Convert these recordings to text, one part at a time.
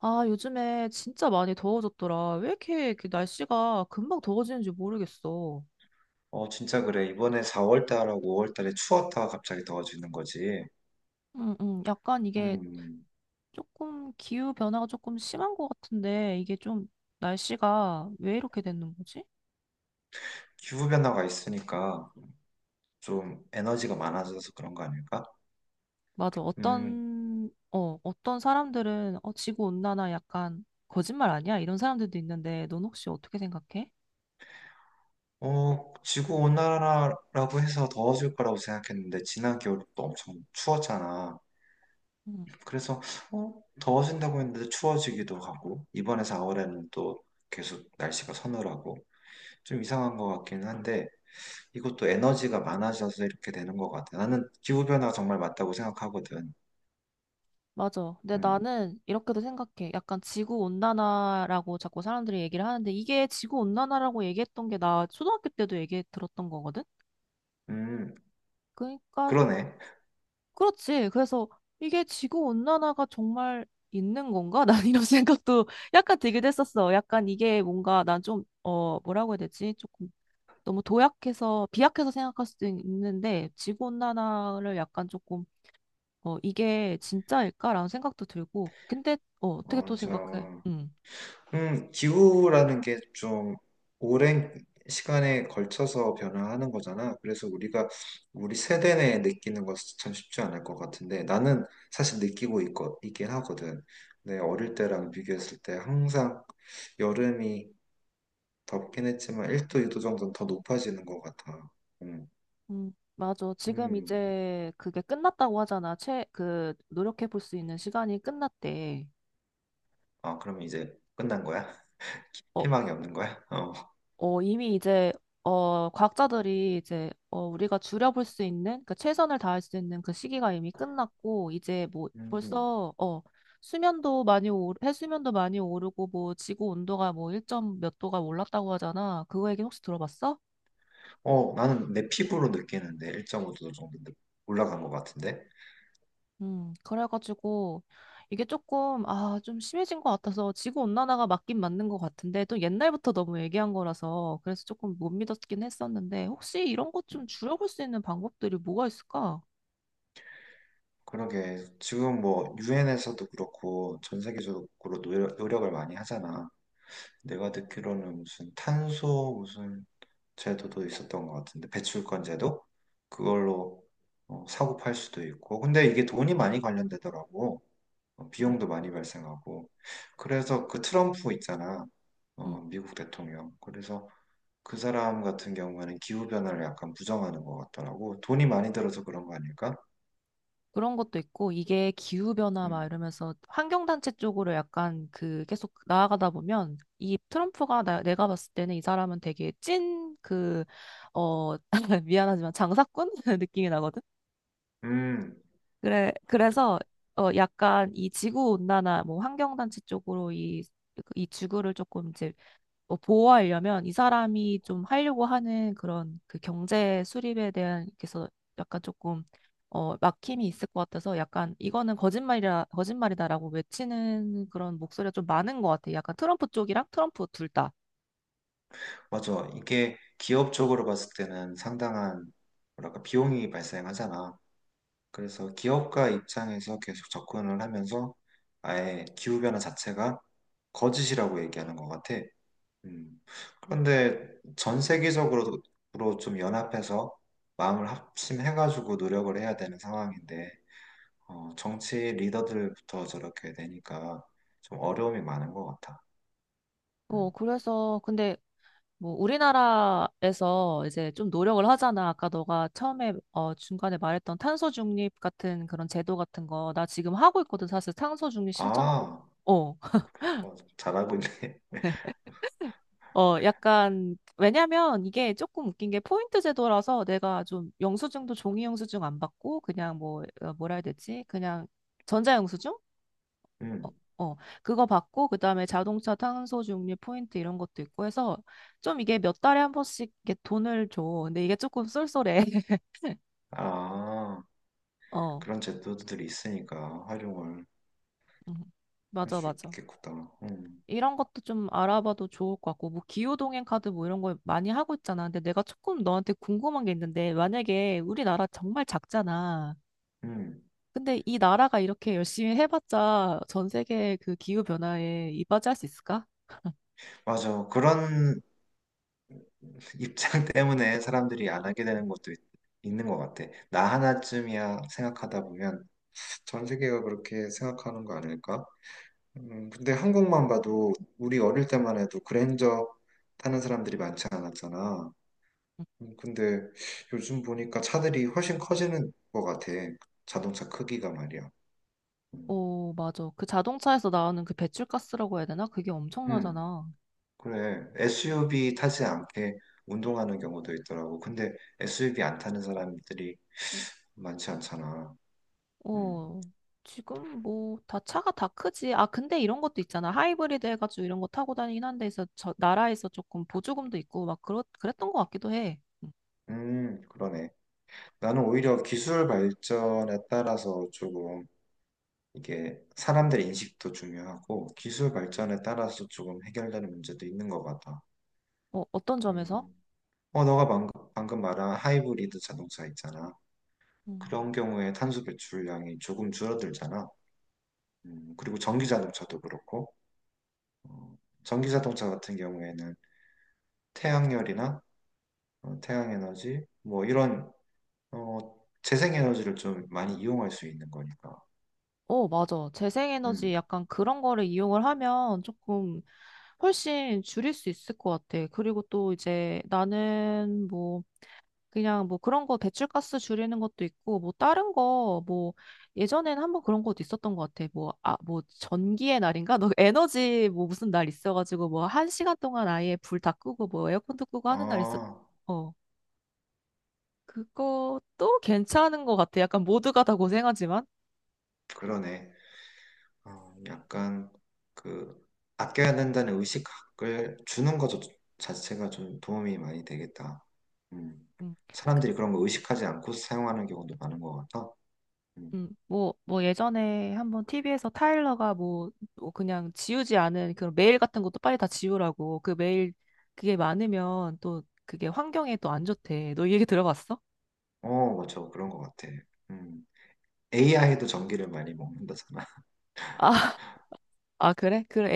아, 요즘에 진짜 많이 더워졌더라. 왜 이렇게 날씨가 금방 더워지는지 모르겠어. 어, 진짜 그래. 이번에 4월 달하고 5월 달에 추웠다가 갑자기 더워지는 거지. 응, 응. 약간 이게 음, 조금 기후 변화가 조금 심한 것 같은데 이게 좀 날씨가 왜 이렇게 되는 거지? 기후 변화가 있으니까 좀 에너지가 많아져서 그런 거 아닐까? 맞아. 음, 어떤 사람들은 지구 온난화 약간 거짓말 아니야? 이런 사람들도 있는데 넌 혹시 어떻게 생각해? 지구 온난화라고 해서 더워질 거라고 생각했는데 지난 겨울도 엄청 추웠잖아. 그래서 어, 더워진다고 했는데 추워지기도 하고 이번에 4월에는 또 계속 날씨가 서늘하고 좀 이상한 것 같긴 한데 이것도 에너지가 많아져서 이렇게 되는 것 같아. 나는 기후변화가 정말 맞다고 생각하거든. 맞아. 근데 음, 나는 이렇게도 생각해. 약간 지구 온난화라고 자꾸 사람들이 얘기를 하는데 이게 지구 온난화라고 얘기했던 게 나 초등학교 때도 얘기 들었던 거거든. 음, 그러니까 그러네. 그렇지. 그래서 이게 지구 온난화가 정말 있는 건가? 난 이런 생각도 약간 들기도 했었어. 약간 이게 뭔가 난 좀, 뭐라고 해야 되지? 조금 너무 도약해서 비약해서 생각할 수도 있는데 지구 온난화를 약간 조금 이게 진짜일까라는 생각도 들고. 근데 어떻게 또 생각해? 맞아. 응. 기후라는 게 좀 오랜 시간에 걸쳐서 변화하는 거잖아. 그래서 우리가 우리 세대 내에 느끼는 것은 참 쉽지 않을 것 같은데 나는 사실 느끼고 있긴 하거든. 내 어릴 때랑 비교했을 때 항상 여름이 덥긴 했지만 1도, 2도 정도는 더 높아지는 것 같아. 음, 맞아. 지금 음. 이제 그게 끝났다고 하잖아. 그 노력해 볼 수 있는 시간이 끝났대. 아, 그러면 이제 끝난 거야? 어, 희망이 없는 거야? 어. 어, 이미 이제, 과학자들이 이제, 우리가 줄여볼 수 있는, 그 최선을 다할 수 있는 그 시기가 이미 끝났고, 이제 뭐, 음. 음. 벌써, 해수면도 많이 오르고, 뭐, 지구 온도가 뭐, 1점 몇 도가 올랐다고 하잖아. 그거 얘기 혹시 들어봤어? 어, 나는 내 피부로 느끼는데 1.5도 정도 올라간 것 같은데. 그래가지고 이게 조금 좀 심해진 것 같아서 지구 온난화가 맞긴 맞는 것 같은데 또 옛날부터 너무 얘기한 거라서 그래서 조금 못 믿었긴 했었는데 혹시 이런 것 음, 좀 줄여볼 수 있는 방법들이 뭐가 있을까? 그러게 지금 뭐 유엔에서도 그렇고 전 세계적으로 노력을 많이 하잖아. 내가 듣기로는 무슨 탄소 무슨 제도도 있었던 것 같은데 배출권 제도 그걸로 사고 팔 수도 있고. 근데 이게 돈이 많이 관련되더라고. 음, 비용도 많이 발생하고. 그래서 그 트럼프 있잖아. 음. 미국 대통령. 그래서 그 사람 같은 경우에는 기후변화를 약간 부정하는 것 같더라고. 돈이 많이 들어서 그런 거 아닐까? 그런 것도 있고 이게 기후 변화 막 음, 이러면서 환경 단체 쪽으로 약간 그 계속 나아가다 보면 이 트럼프가 내가 봤을 때는 이 사람은 되게 찐 그 어 미안하지만 장사꾼 느낌이 나거든. 음, 그래, 그래. 그래서 약간 이 지구 온난화 뭐 환경 단체 쪽으로 이 지구를 조금 이제 보호하려면 이 사람이 좀 하려고 하는 그런 그 경제 수립에 대한 그래서 약간 조금 막힘이 있을 것 같아서 약간 이거는 거짓말이라 거짓말이다라고 외치는 그런 목소리가 좀 많은 것 같아요. 약간 트럼프 쪽이랑 트럼프 둘 다. 맞아. 이게 기업 쪽으로 봤을 때는 상당한, 뭐랄까, 비용이 발생하잖아. 그래서 기업가 입장에서 계속 접근을 하면서 아예 기후변화 자체가 거짓이라고 얘기하는 것 같아. 음. 그런데 전 세계적으로 좀 연합해서 마음을 합심해가지고 노력을 해야 되는 상황인데, 정치 리더들부터 저렇게 되니까 좀 어려움이 많은 것 같아. 음. 그래서 근데 뭐 우리나라에서 이제 좀 노력을 하잖아. 아까 너가 처음에 중간에 말했던 탄소 중립 같은 그런 제도 같은 거 나 지금 하고 있거든. 사실 탄소 중립 실천 아, 어, 잘하고 있네. 약간, 왜냐면 이게 조금 웃긴 게 포인트 제도라서 내가 좀 영수증도 종이 영수증 안 받고 그냥 뭐, 뭐라 해야 되지? 그냥 전자 영수증? 어, 음. 어, 그거 받고 그다음에 자동차 탄소 중립 포인트 이런 것도 있고 해서 좀 이게 몇 달에 한 번씩 이렇게 돈을 줘. 근데 이게 조금 쏠쏠해. 아, 어, 그런 제도들이 있으니까 활용을 음. 할 맞아, 수 맞아. 있겠구나. 음. 이런 것도 좀 알아봐도 좋을 것 같고, 뭐, 기후동행 카드 뭐 이런 거 많이 하고 있잖아. 근데 내가 조금 너한테 궁금한 게 있는데, 만약에 우리나라 정말 작잖아. 음. 근데 이 나라가 이렇게 열심히 해봤자 전 세계 그 기후변화에 이바지할 수 있을까? 맞아. 그런 입장 때문에 사람들이 안 하게 되는 것도 있는 것 같아. 나 하나쯤이야 생각하다 보면 전 세계가 그렇게 생각하는 거 아닐까? 근데 한국만 봐도 우리 어릴 때만 해도 그랜저 타는 사람들이 많지 않았잖아. 근데 요즘 보니까 차들이 훨씬 커지는 것 같아. 자동차 크기가 말이야. 음, 오, 맞아. 그 자동차에서 나오는 그 배출가스라고 해야 되나? 그게 음, 엄청나잖아. 그래. SUV 타지 않게 운동하는 경우도 있더라고. 근데 SUV 안 타는 사람들이 많지 않잖아. 음, 어, 지금 뭐 다 차가 다 크지. 아, 근데 이런 것도 있잖아. 하이브리드 해가지고 이런 거 타고 다니긴 한데 서저 나라에서 조금 보조금도 있고 막 그렇 그랬던 것 같기도 해. 음. 그러네. 나는 오히려 기술 발전에 따라서 조금 이게 사람들 인식도 중요하고 기술 발전에 따라서 조금 해결되는 문제도 있는 것 같아. 어, 어떤 점에서? 음, 너가 방금 말한 하이브리드 자동차 있잖아. 음. 그런 경우에 탄소 배출량이 조금 줄어들잖아. 그리고 전기 자동차도 그렇고, 어, 전기 자동차 같은 경우에는 태양열이나 태양에너지, 뭐 이런 어, 재생에너지를 좀 많이 이용할 수 있는 거니까. 어, 맞아. 재생에너지 음, 약간 그런 거를 이용을 하면 조금 훨씬 줄일 수 있을 것 같아. 그리고 또 이제 나는 뭐 그냥 뭐 그런 거 배출가스 줄이는 것도 있고 뭐 다른 거 뭐 예전에는 한번 그런 것도 있었던 것 같아. 뭐 아 뭐 전기의 날인가? 너 에너지 뭐 무슨 날 있어가지고 뭐 한 시간 동안 아예 불 다 끄고 뭐 에어컨도 끄고 하는 날 있었. 아, 어 그것도 괜찮은 것 같아. 약간 모두가 다 고생하지만. 그러네. 약간 그 아껴야 된다는 의식을 주는 것 자체가 좀 도움이 많이 되겠다. 음. 음. 사람들이 그런 거 의식하지 않고 사용하는 경우도 많은 것 같아. 음. 뭐, 뭐 예전에 한번 TV에서 타일러가 뭐, 뭐 그냥 지우지 않은 그런 메일 같은 것도 빨리 다 지우라고. 그 메일 그게 많으면 또 그게 환경에 또 안 좋대. 너 이 얘기 들어봤어? 어, 맞아. 그런 것 같아. 음. AI도 전기를 많이 먹는다잖아. 아, 아 그래? 그래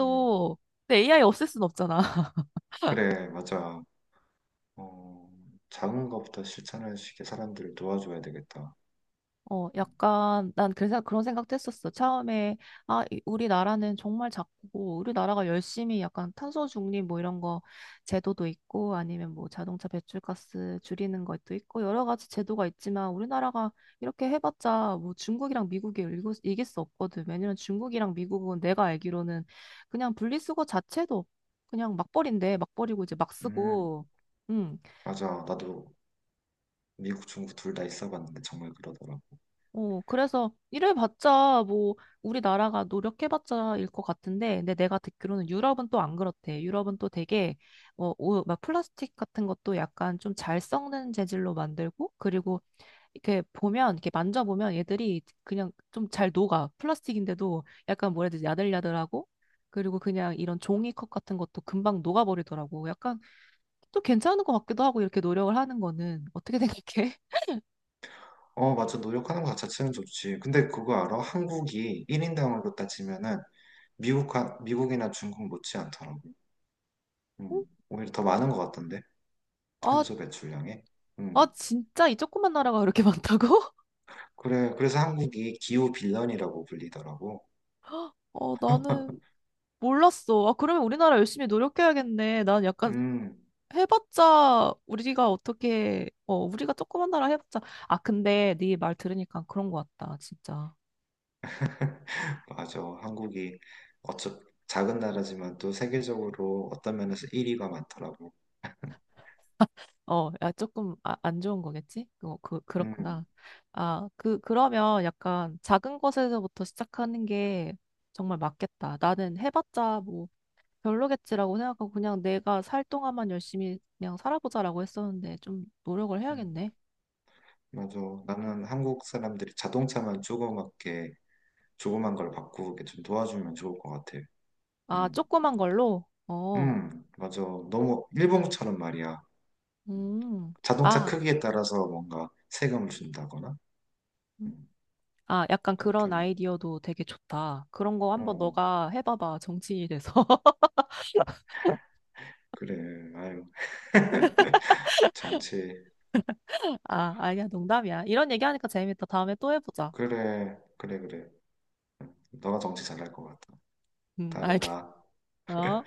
음. 근데 AI 없앨 순 없잖아. 그래, 맞아. 어, 작은 것부터 실천할 수 있게 사람들을 도와줘야 되겠다. 어, 음, 약간, 난 그래서 그런 생각도 했었어. 처음에, 아, 우리나라는 정말 작고, 우리나라가 열심히 약간 탄소 중립 뭐 이런 거 제도도 있고, 아니면 뭐 자동차 배출가스 줄이는 것도 있고, 여러 가지 제도가 있지만, 우리나라가 이렇게 해봤자 뭐 중국이랑 미국이 이길 수 없거든. 왜냐면 중국이랑 미국은 내가 알기로는 그냥 분리수거 자체도 그냥 막 버린대. 막 버리고 이제 막 음, 쓰고, 음. 맞아. 나도 미국, 중국 둘 다 있어봤는데 정말 그러더라고. 어, 그래서 이래봤자 뭐 우리나라가 노력해봤자 일 것 같은데, 근데 내가 듣기로는 유럽은 또 안 그렇대. 유럽은 또 되게 오, 막 플라스틱 같은 것도 약간 좀 잘 썩는 재질로 만들고, 그리고 이렇게 보면 이렇게 만져보면 얘들이 그냥 좀 잘 녹아. 플라스틱인데도 약간 뭐라 해야 되지? 야들야들하고. 그리고 그냥 이런 종이컵 같은 것도 금방 녹아버리더라고. 약간 또 괜찮은 것 같기도 하고 이렇게 노력을 하는 거는 어떻게 생각해? 어, 맞아. 노력하는 것 자체는 좋지. 근데 그거 알아? 한국이 1인당으로 따지면은 미국, 미국이나 중국 못지않더라고. 어? 음, 오히려 더 많은 것 같던데. 아, 탄소 배출량에. 아, 음. 진짜 이 조그만 나라가 그렇게 많다고? 그래, 그래서 한국이 기후 빌런이라고 불리더라고. 어, 나는 몰랐어. 아, 그러면 우리나라 열심히 노력해야겠네. 난 약간 음, 해봤자 우리가 어떻게, 어, 우리가 조그만 나라 해봤자. 아, 근데 네 말 들으니까 그런 것 같다, 진짜. 맞아. 한국이 어차 작은 나라지만 또 세계적으로 어떤 면에서 1위가 많더라고. 어, 야, 조금 안 좋은 거겠지? 어, 그, 음, 그렇구나. 아, 그러면 약간 작은 것에서부터 시작하는 게 정말 맞겠다. 나는 해봤자 뭐 별로겠지라고 생각하고 그냥 내가 살 동안만 열심히 그냥 살아보자라고 했었는데 좀 노력을 음, 해야겠네. 맞아. 나는 한국 사람들이 자동차만 조그맣게, 조그만 걸 바꾸게 좀 도와주면 좋을 것 같아. 아, 음. 조그만 걸로? 어, 맞아. 너무 일본처럼 말이야. 음, 자동차 아, 크기에 따라서 뭔가 세금을 준다거나 음. 음, 아, 약간 그렇게 그런 뭐 아이디어도 되게 좋다. 그런 거 한번 어, 너가 해봐봐, 정치인이 돼서. 그래, 아유, 정치, 아, 아니야, 농담이야. 이런 얘기하니까 재밌다. 다음에 또 해보자. 그래, 그래, 그래. 너가 정치 잘할 것 같아. 음, 다음에 봐. 알겠어.